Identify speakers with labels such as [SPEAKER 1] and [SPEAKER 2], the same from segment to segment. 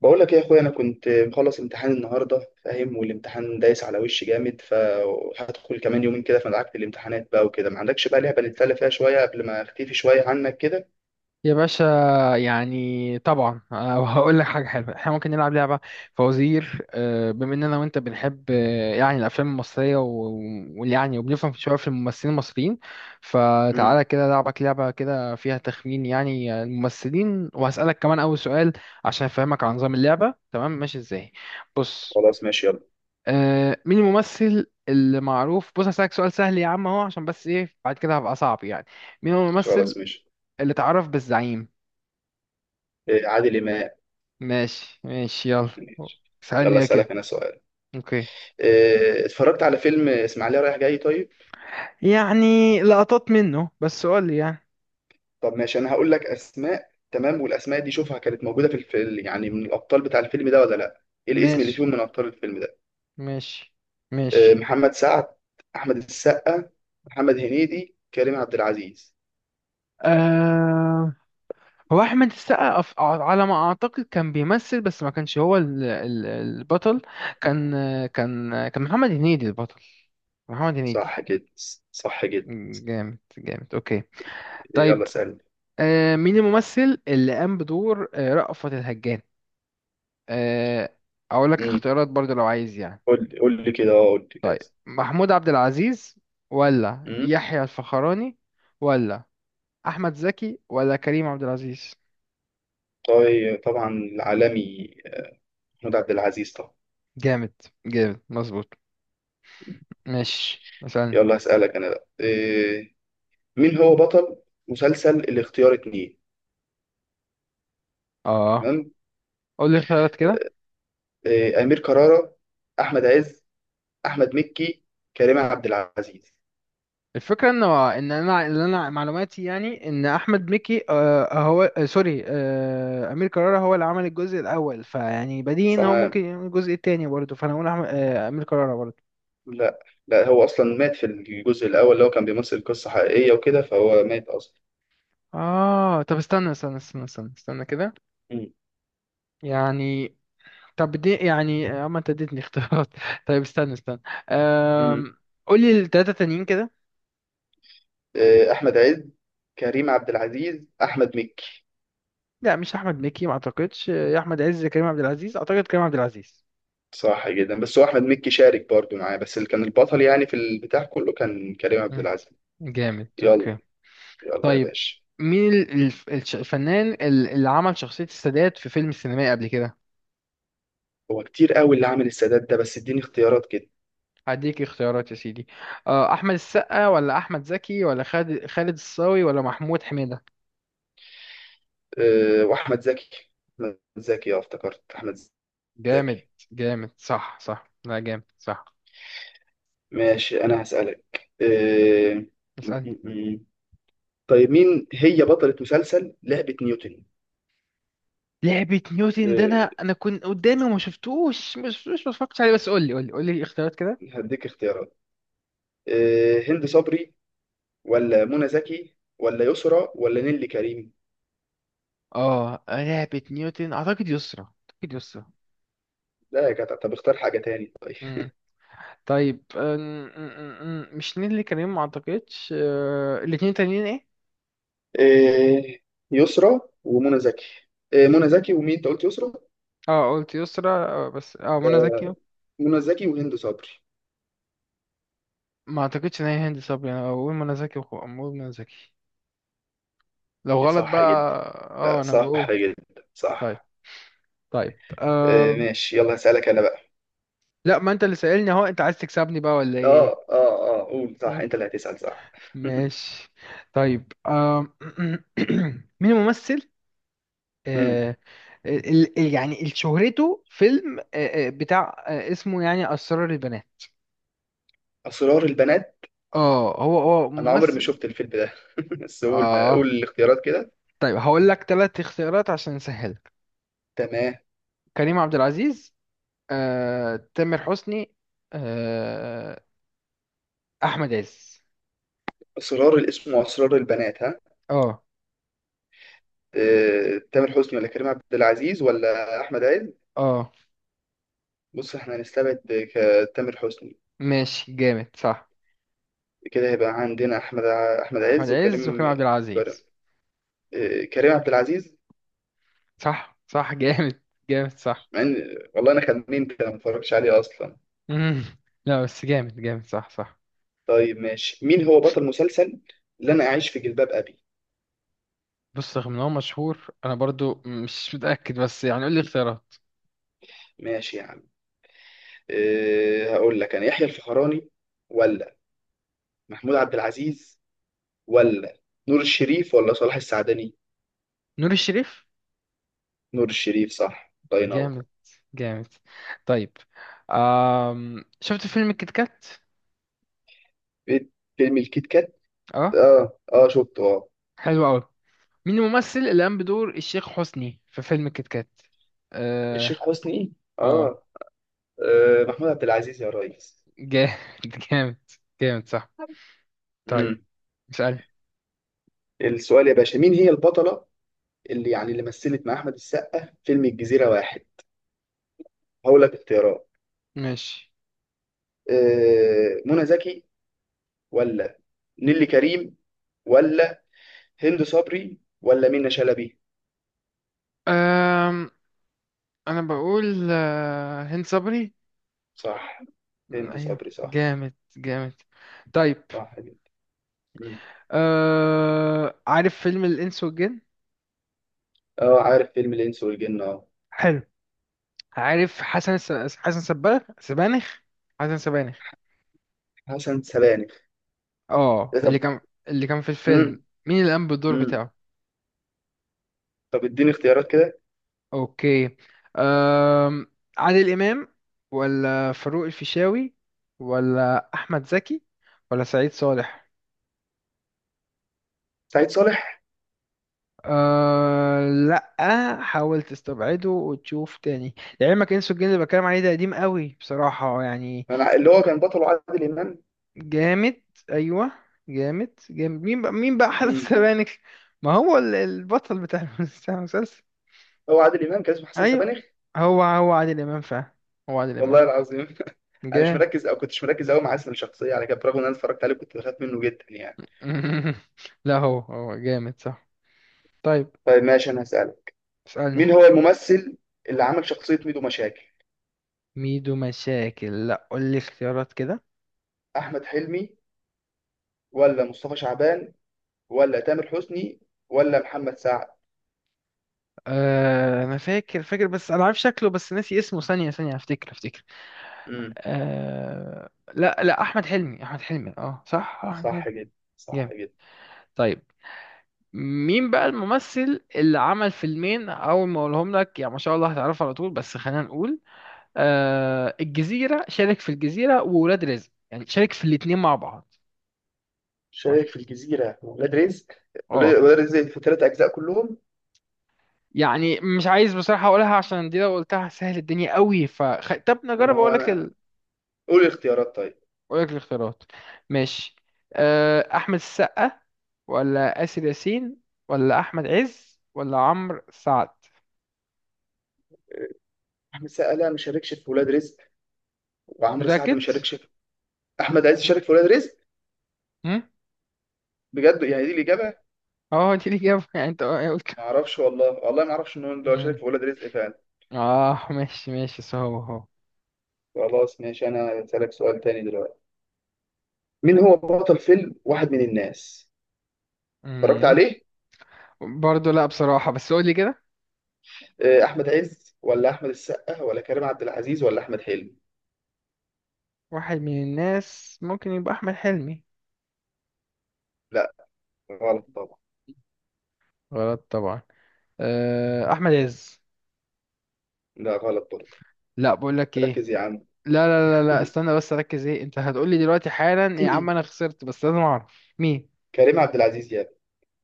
[SPEAKER 1] بقول لك ايه يا اخويا، انا كنت مخلص امتحان النهارده، فاهم؟ والامتحان دايس على وشي جامد، فهدخل كمان يومين كده، فدعكت الامتحانات بقى وكده. ما عندكش بقى لعبه نتسلى فيها شويه قبل ما اختفي شويه عنك كده؟
[SPEAKER 2] يا باشا. يعني طبعا هقول لك حاجة حلوة. احنا ممكن نلعب لعبة فوازير بما اننا وانت بنحب يعني الافلام المصرية ويعني وبنفهم شوية في الممثلين المصريين.
[SPEAKER 1] امم
[SPEAKER 2] فتعالى كده لعبك لعبة كده فيها تخمين يعني الممثلين، وهسألك كمان اول سؤال عشان افهمك عن نظام اللعبة. تمام؟ ماشي ازاي؟ بص.
[SPEAKER 1] خلاص ماشي يلا.
[SPEAKER 2] مين الممثل اللي معروف؟ بص هسألك سؤال سهل يا عم اهو، عشان بس ايه بعد كده هبقى صعب يعني. مين هو الممثل
[SPEAKER 1] خلاص ماشي.
[SPEAKER 2] اللي تعرف بالزعيم؟
[SPEAKER 1] عادل امام.
[SPEAKER 2] ماشي ماشي، يلا
[SPEAKER 1] ماشي
[SPEAKER 2] اسألني
[SPEAKER 1] يلا
[SPEAKER 2] يا
[SPEAKER 1] اسالك
[SPEAKER 2] كده.
[SPEAKER 1] انا سؤال.
[SPEAKER 2] اوكي.
[SPEAKER 1] اتفرجت على فيلم اسماعيليه رايح جاي؟ طيب
[SPEAKER 2] يعني لقطات منه بس، قول لي يعني.
[SPEAKER 1] طب ماشي، انا هقول لك اسماء، تمام؟ والاسماء دي شوفها كانت موجوده في الفيلم يعني من الابطال بتاع الفيلم ده ولا لا. ايه الاسم اللي
[SPEAKER 2] ماشي
[SPEAKER 1] فيهم من ابطال الفيلم ده؟
[SPEAKER 2] ماشي ماشي.
[SPEAKER 1] محمد سعد، احمد السقا، محمد هنيدي، كريم عبد العزيز.
[SPEAKER 2] آه... هو أحمد السقا على ما أعتقد كان بيمثل، بس ما كانش هو البطل. كان كان محمد هنيدي البطل. محمد هنيدي.
[SPEAKER 1] صح كده؟ صح كده.
[SPEAKER 2] جامد جامد أوكي.
[SPEAKER 1] يلا
[SPEAKER 2] طيب.
[SPEAKER 1] سألني.
[SPEAKER 2] مين الممثل اللي قام بدور رأفت الهجان؟ آه... أقول لك
[SPEAKER 1] امم
[SPEAKER 2] اختيارات برضه لو عايز يعني.
[SPEAKER 1] قول لي قول لي كده، اه قول لي
[SPEAKER 2] طيب،
[SPEAKER 1] لازم.
[SPEAKER 2] محمود عبد العزيز ولا
[SPEAKER 1] امم
[SPEAKER 2] يحيى الفخراني ولا احمد زكي ولا كريم عبد العزيز؟
[SPEAKER 1] طيب طبعا العالمي، محمود عبد العزيز طبعا.
[SPEAKER 2] جامد جامد مظبوط.
[SPEAKER 1] ماشي.
[SPEAKER 2] ماشي مثلا.
[SPEAKER 1] يلا هسألك انا بقى، إيه؟ مين هو بطل مسلسل الاختيار 2؟
[SPEAKER 2] اه
[SPEAKER 1] تمام.
[SPEAKER 2] قول لي اختيارات كده.
[SPEAKER 1] إيه، أمير كرارة، احمد عز، احمد مكي، كريم عبد العزيز.
[SPEAKER 2] الفكره ان انا اللي انا معلوماتي، يعني ان احمد مكي هو سوري، امير كرارة هو اللي عمل الجزء الاول، فيعني بديهي ان هو ممكن يعمل الجزء التاني برضه. فانا اقول أحمد آه امير كرارة برضه.
[SPEAKER 1] لا، لا هو اصلا مات في الجزء الاول، اللي هو كان بيمثل قصه حقيقيه وكده، فهو مات اصلا.
[SPEAKER 2] اه طب استنى استنى استنى استنى استنى كده.
[SPEAKER 1] مم.
[SPEAKER 2] يعني. طب دي يعني اما انت اديتني اختيارات. طيب استنى استنى.
[SPEAKER 1] مم.
[SPEAKER 2] أم... قولي التلاتة تانيين كده.
[SPEAKER 1] احمد عز، كريم عبد العزيز، احمد مكي.
[SPEAKER 2] لا مش احمد مكي ما اعتقدش، يا احمد عز كريم عبد العزيز، اعتقد كريم عبد العزيز.
[SPEAKER 1] صح جدا، بس هو احمد مكي شارك برضو معاه، بس اللي كان البطل يعني في البتاع كله كان كريم عبد
[SPEAKER 2] مم.
[SPEAKER 1] العزيز.
[SPEAKER 2] جامد
[SPEAKER 1] يلا.
[SPEAKER 2] اوكي.
[SPEAKER 1] يلا يا
[SPEAKER 2] طيب،
[SPEAKER 1] باشا.
[SPEAKER 2] مين الفنان اللي عمل شخصية السادات في فيلم سينمائي قبل كده؟
[SPEAKER 1] هو كتير قوي اللي عامل السادات ده، بس اديني اختيارات كده.
[SPEAKER 2] هديك اختيارات يا سيدي. احمد السقا ولا احمد زكي ولا خالد الصاوي ولا محمود حميدة؟
[SPEAKER 1] أه، واحمد زكي. احمد زكي، اه افتكرت احمد
[SPEAKER 2] جامد
[SPEAKER 1] زكي.
[SPEAKER 2] جامد صح صح، لا جامد صح.
[SPEAKER 1] ماشي، انا هسألك
[SPEAKER 2] اسألني.
[SPEAKER 1] طيب مين هي بطلة مسلسل لعبة نيوتن؟
[SPEAKER 2] لعبة نيوتن ده
[SPEAKER 1] أه،
[SPEAKER 2] انا كنت قدامي وما شفتوش، ما شفتوش ما اتفرجتش عليه. بس قول لي قول لي قول لي الاختيارات كده.
[SPEAKER 1] هديك اختيارات. أه، هند صبري ولا منى زكي ولا يسرى ولا نيللي كريم؟
[SPEAKER 2] اه لعبة نيوتن اعتقد يسرا، اعتقد يسرا.
[SPEAKER 1] لا يا جدع، طب اختار حاجة تاني. طيب
[SPEAKER 2] امم طيب، أم، أم، أم، أم، مش نيللي كريم ما اعتقدش. الاتنين تانيين ايه؟
[SPEAKER 1] أه، يسرى ومنى زكي. أه، منى زكي. ومين انت قلت؟ يسرى؟
[SPEAKER 2] اه قلت يسرا. بس اه منى زكي.
[SPEAKER 1] أه، منى زكي وهند صبري.
[SPEAKER 2] ما اعتقدش ان هي هند صبري، انا بقول منى زكي، بقول منى زكي، لو غلط
[SPEAKER 1] صح
[SPEAKER 2] بقى.
[SPEAKER 1] جدا.
[SPEAKER 2] اه
[SPEAKER 1] لا
[SPEAKER 2] انا
[SPEAKER 1] صح
[SPEAKER 2] بقول.
[SPEAKER 1] جدا، صح.
[SPEAKER 2] طيب طيب.
[SPEAKER 1] أه ماشي، يلا هسألك انا بقى.
[SPEAKER 2] لا ما انت اللي سألني اهو، انت عايز تكسبني بقى ولا
[SPEAKER 1] اه
[SPEAKER 2] ايه؟
[SPEAKER 1] اه اه، قول صح، انت اللي هتسأل صح.
[SPEAKER 2] ماشي. طيب مين الممثل
[SPEAKER 1] أمم.
[SPEAKER 2] آه، يعني اللي شهرته فيلم بتاع اسمه يعني أسرار البنات.
[SPEAKER 1] أسرار البنات.
[SPEAKER 2] اه هو
[SPEAKER 1] انا عمري ما
[SPEAKER 2] ممثل.
[SPEAKER 1] شفت الفيلم ده، بس قول، ما قول
[SPEAKER 2] اه
[SPEAKER 1] الاختيارات كده.
[SPEAKER 2] طيب هقول لك ثلاث اختيارات عشان نسهلك.
[SPEAKER 1] تمام.
[SPEAKER 2] كريم عبد العزيز، تامر حسني، آه، أحمد عز.
[SPEAKER 1] اسرار الاسم واسرار البنات، ها؟
[SPEAKER 2] اه
[SPEAKER 1] تامر حسني ولا كريم عبد العزيز ولا احمد عز؟
[SPEAKER 2] اه
[SPEAKER 1] بص احنا هنستبعد تامر حسني.
[SPEAKER 2] ماشي جامد صح.
[SPEAKER 1] كده هيبقى عندنا احمد
[SPEAKER 2] أحمد
[SPEAKER 1] عز
[SPEAKER 2] عز وكريم
[SPEAKER 1] وكريم.
[SPEAKER 2] عبد
[SPEAKER 1] كر-
[SPEAKER 2] العزيز.
[SPEAKER 1] كريم عبد العزيز.
[SPEAKER 2] صح صح جامد جامد صح.
[SPEAKER 1] مع ان والله انا خمنت، انا ما اتفرجش عليه اصلا.
[SPEAKER 2] مم. لا بس جامد جامد صح صح.
[SPEAKER 1] طيب ماشي، مين هو بطل مسلسل اللي انا اعيش في جلباب ابي؟
[SPEAKER 2] بص رغم ان هو مشهور انا برضو مش متأكد، بس يعني قول لي اختيارات.
[SPEAKER 1] ماشي يا عم. أه هقول لك انا: يحيى الفخراني، ولا محمود عبد العزيز، ولا نور الشريف، ولا صلاح السعدني.
[SPEAKER 2] نور الشريف.
[SPEAKER 1] نور الشريف صح، الله ينور.
[SPEAKER 2] جامد جامد. طيب، شفت فيلم كيت كات؟
[SPEAKER 1] في- فيلم الكيت كات؟
[SPEAKER 2] اه
[SPEAKER 1] اه اه، شفته اه.
[SPEAKER 2] حلو قوي. مين الممثل اللي قام بدور الشيخ حسني في فيلم كيت كات؟ اه
[SPEAKER 1] الشيخ حسني،
[SPEAKER 2] اه
[SPEAKER 1] اه، آه محمود عبد العزيز يا ريس.
[SPEAKER 2] جامد. جامد جامد صح. طيب
[SPEAKER 1] امم
[SPEAKER 2] اسألني.
[SPEAKER 1] السؤال يا باشا: مين هي البطلة اللي يعني اللي مثلت مع احمد السقا فيلم الجزيرة 1؟ هقول لك اختيارات.
[SPEAKER 2] ماشي.
[SPEAKER 1] آه، منى زكي ولا نيلي كريم ولا هند صبري ولا منى شلبي؟
[SPEAKER 2] آم... انا بقول هند صبري.
[SPEAKER 1] صح. هند
[SPEAKER 2] ايوه
[SPEAKER 1] صبري، صح
[SPEAKER 2] جامد جامد. طيب.
[SPEAKER 1] صح جدا. مم.
[SPEAKER 2] عارف فيلم الإنس والجن؟
[SPEAKER 1] اه عارف فيلم الانس والجن؟ اه،
[SPEAKER 2] حلو. عارف حسن سبانخ سبانخ حسن سبانخ؟
[SPEAKER 1] حسن سبانخ.
[SPEAKER 2] اه
[SPEAKER 1] إيه طب.
[SPEAKER 2] اللي كان في
[SPEAKER 1] مم.
[SPEAKER 2] الفيلم. مين اللي قام بالدور
[SPEAKER 1] مم.
[SPEAKER 2] بتاعه؟
[SPEAKER 1] طب اديني اختيارات كده.
[SPEAKER 2] اوكي. أم... عادل إمام ولا فاروق الفيشاوي ولا أحمد زكي ولا سعيد صالح؟
[SPEAKER 1] سعيد صالح.
[SPEAKER 2] لا حاول تستبعده وتشوف تاني. لعلمك انسو الجن اللي بتكلم عليه ده قديم قوي بصراحة يعني.
[SPEAKER 1] أنا اللي هو كان بطله عادل امام.
[SPEAKER 2] جامد ايوه جامد جامد. مين بقى مين بقى حازم
[SPEAKER 1] مم.
[SPEAKER 2] سبانخ؟ ما هو البطل بتاع بتاع المسلسل.
[SPEAKER 1] هو عادل امام كان اسمه حسن
[SPEAKER 2] ايوه
[SPEAKER 1] سبانخ.
[SPEAKER 2] هو هو عادل امام فعلا. هو عادل
[SPEAKER 1] والله
[SPEAKER 2] امام.
[SPEAKER 1] العظيم. انا مش
[SPEAKER 2] جامد.
[SPEAKER 1] مركز او كنتش مركز قوي مع اسم الشخصيه على كده، برغم ان انا اتفرجت عليه كنت بخاف منه جدا يعني.
[SPEAKER 2] لا هو هو جامد صح. طيب
[SPEAKER 1] طيب ماشي، انا هسالك:
[SPEAKER 2] اسألني.
[SPEAKER 1] مين هو الممثل اللي عمل شخصيه ميدو مشاكل؟
[SPEAKER 2] ميدو مشاكل؟ لا قول لي اختيارات كده.
[SPEAKER 1] احمد حلمي ولا مصطفى شعبان ولا تامر حسني ولا محمد سعد؟
[SPEAKER 2] أه انا فاكر فاكر، بس انا عارف شكله بس ناسي اسمه. ثانية ثانية افتكر افتكر.
[SPEAKER 1] امم
[SPEAKER 2] أه لا لا، احمد حلمي احمد حلمي. اه صح، احمد حلمي.
[SPEAKER 1] صح جدا، صح
[SPEAKER 2] جامد.
[SPEAKER 1] جدا.
[SPEAKER 2] طيب مين بقى الممثل اللي عمل فيلمين اول ما اقولهم لك، يعني ما شاء الله هتعرفه على طول، بس خلينا نقول. الجزيرة، شارك في الجزيرة وولاد رزق، يعني شارك في الاتنين مع بعض مثلا.
[SPEAKER 1] شايف الجزيرة ولاد رزق.
[SPEAKER 2] اه.
[SPEAKER 1] ولاد رزق في 3 أجزاء كلهم.
[SPEAKER 2] يعني مش عايز بصراحة اقولها، عشان دي لو قلتها سهل الدنيا قوي. طب
[SPEAKER 1] طب ما
[SPEAKER 2] نجرب
[SPEAKER 1] هو أنا، قول الاختيارات طيب.
[SPEAKER 2] اقول لك الاختيارات. ماشي. احمد السقا ولا آسر ياسين ولا احمد عز ولا عمرو سعد.
[SPEAKER 1] أحمد سقا ما شاركش في ولاد رزق، وعمرو سعد ما
[SPEAKER 2] متأكد؟
[SPEAKER 1] شاركش في. أحمد عايز يشارك في ولاد رزق.
[SPEAKER 2] هم؟
[SPEAKER 1] بجد، يعني دي الإجابة.
[SPEAKER 2] اه دي الإجابة يعني انت قلت.
[SPEAKER 1] ما أعرفش والله، والله ما أعرفش إن هو لو شارك في ولاد رزق فعلا.
[SPEAKER 2] اه ماشي ماشي، صعب اهو.
[SPEAKER 1] خلاص ماشي، أنا هسألك سؤال تاني دلوقتي. مين هو بطل فيلم واحد من الناس؟ اتفرجت
[SPEAKER 2] امم
[SPEAKER 1] عليه؟
[SPEAKER 2] برضه لا بصراحة، بس قولي كده.
[SPEAKER 1] آه، أحمد عز ولا أحمد السقا ولا كريم عبد العزيز ولا أحمد حلمي؟
[SPEAKER 2] واحد من الناس ممكن يبقى أحمد حلمي.
[SPEAKER 1] لا، غلط طبعا.
[SPEAKER 2] غلط طبعا. أحمد عز.
[SPEAKER 1] لا، غلط برضه.
[SPEAKER 2] لا بقول لك ايه،
[SPEAKER 1] ركز يا عم.
[SPEAKER 2] لا لا لا لا استنى بس ركز. ايه انت هتقولي دلوقتي؟ حالا يا عم انا خسرت بس لازم اعرف مين.
[SPEAKER 1] كريم عبد العزيز يا.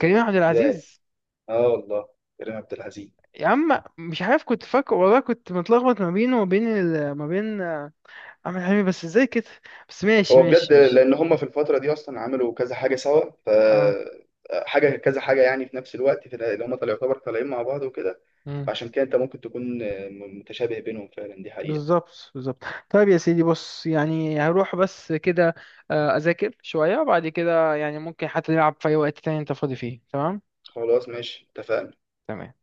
[SPEAKER 2] كريم عبد
[SPEAKER 1] ازاي؟
[SPEAKER 2] العزيز.
[SPEAKER 1] اه والله، كريم عبد العزيز.
[SPEAKER 2] يا عم مش عارف كنت فاكر والله، كنت متلخبط ما بينه ما بين احمد حلمي. بس ازاي كده؟ بس ماشي
[SPEAKER 1] هو بجد
[SPEAKER 2] ماشي ماشي.
[SPEAKER 1] لان هم في الفتره دي اصلا عملوا كذا حاجه سوا، ف حاجه كذا حاجه يعني في نفس الوقت، في اللي هم طلعوا يعتبر طالعين مع بعض وكده.
[SPEAKER 2] اه
[SPEAKER 1] فعشان كده انت ممكن تكون متشابه بينهم، فعلا دي حقيقه.
[SPEAKER 2] بالظبط بالظبط. طيب يا سيدي، بص يعني هروح بس كده، اذاكر شوية، وبعد كده يعني ممكن حتى نلعب في اي وقت تاني انت فاضي فيه. تمام؟
[SPEAKER 1] خلاص ماشي، اتفقنا.
[SPEAKER 2] تمام.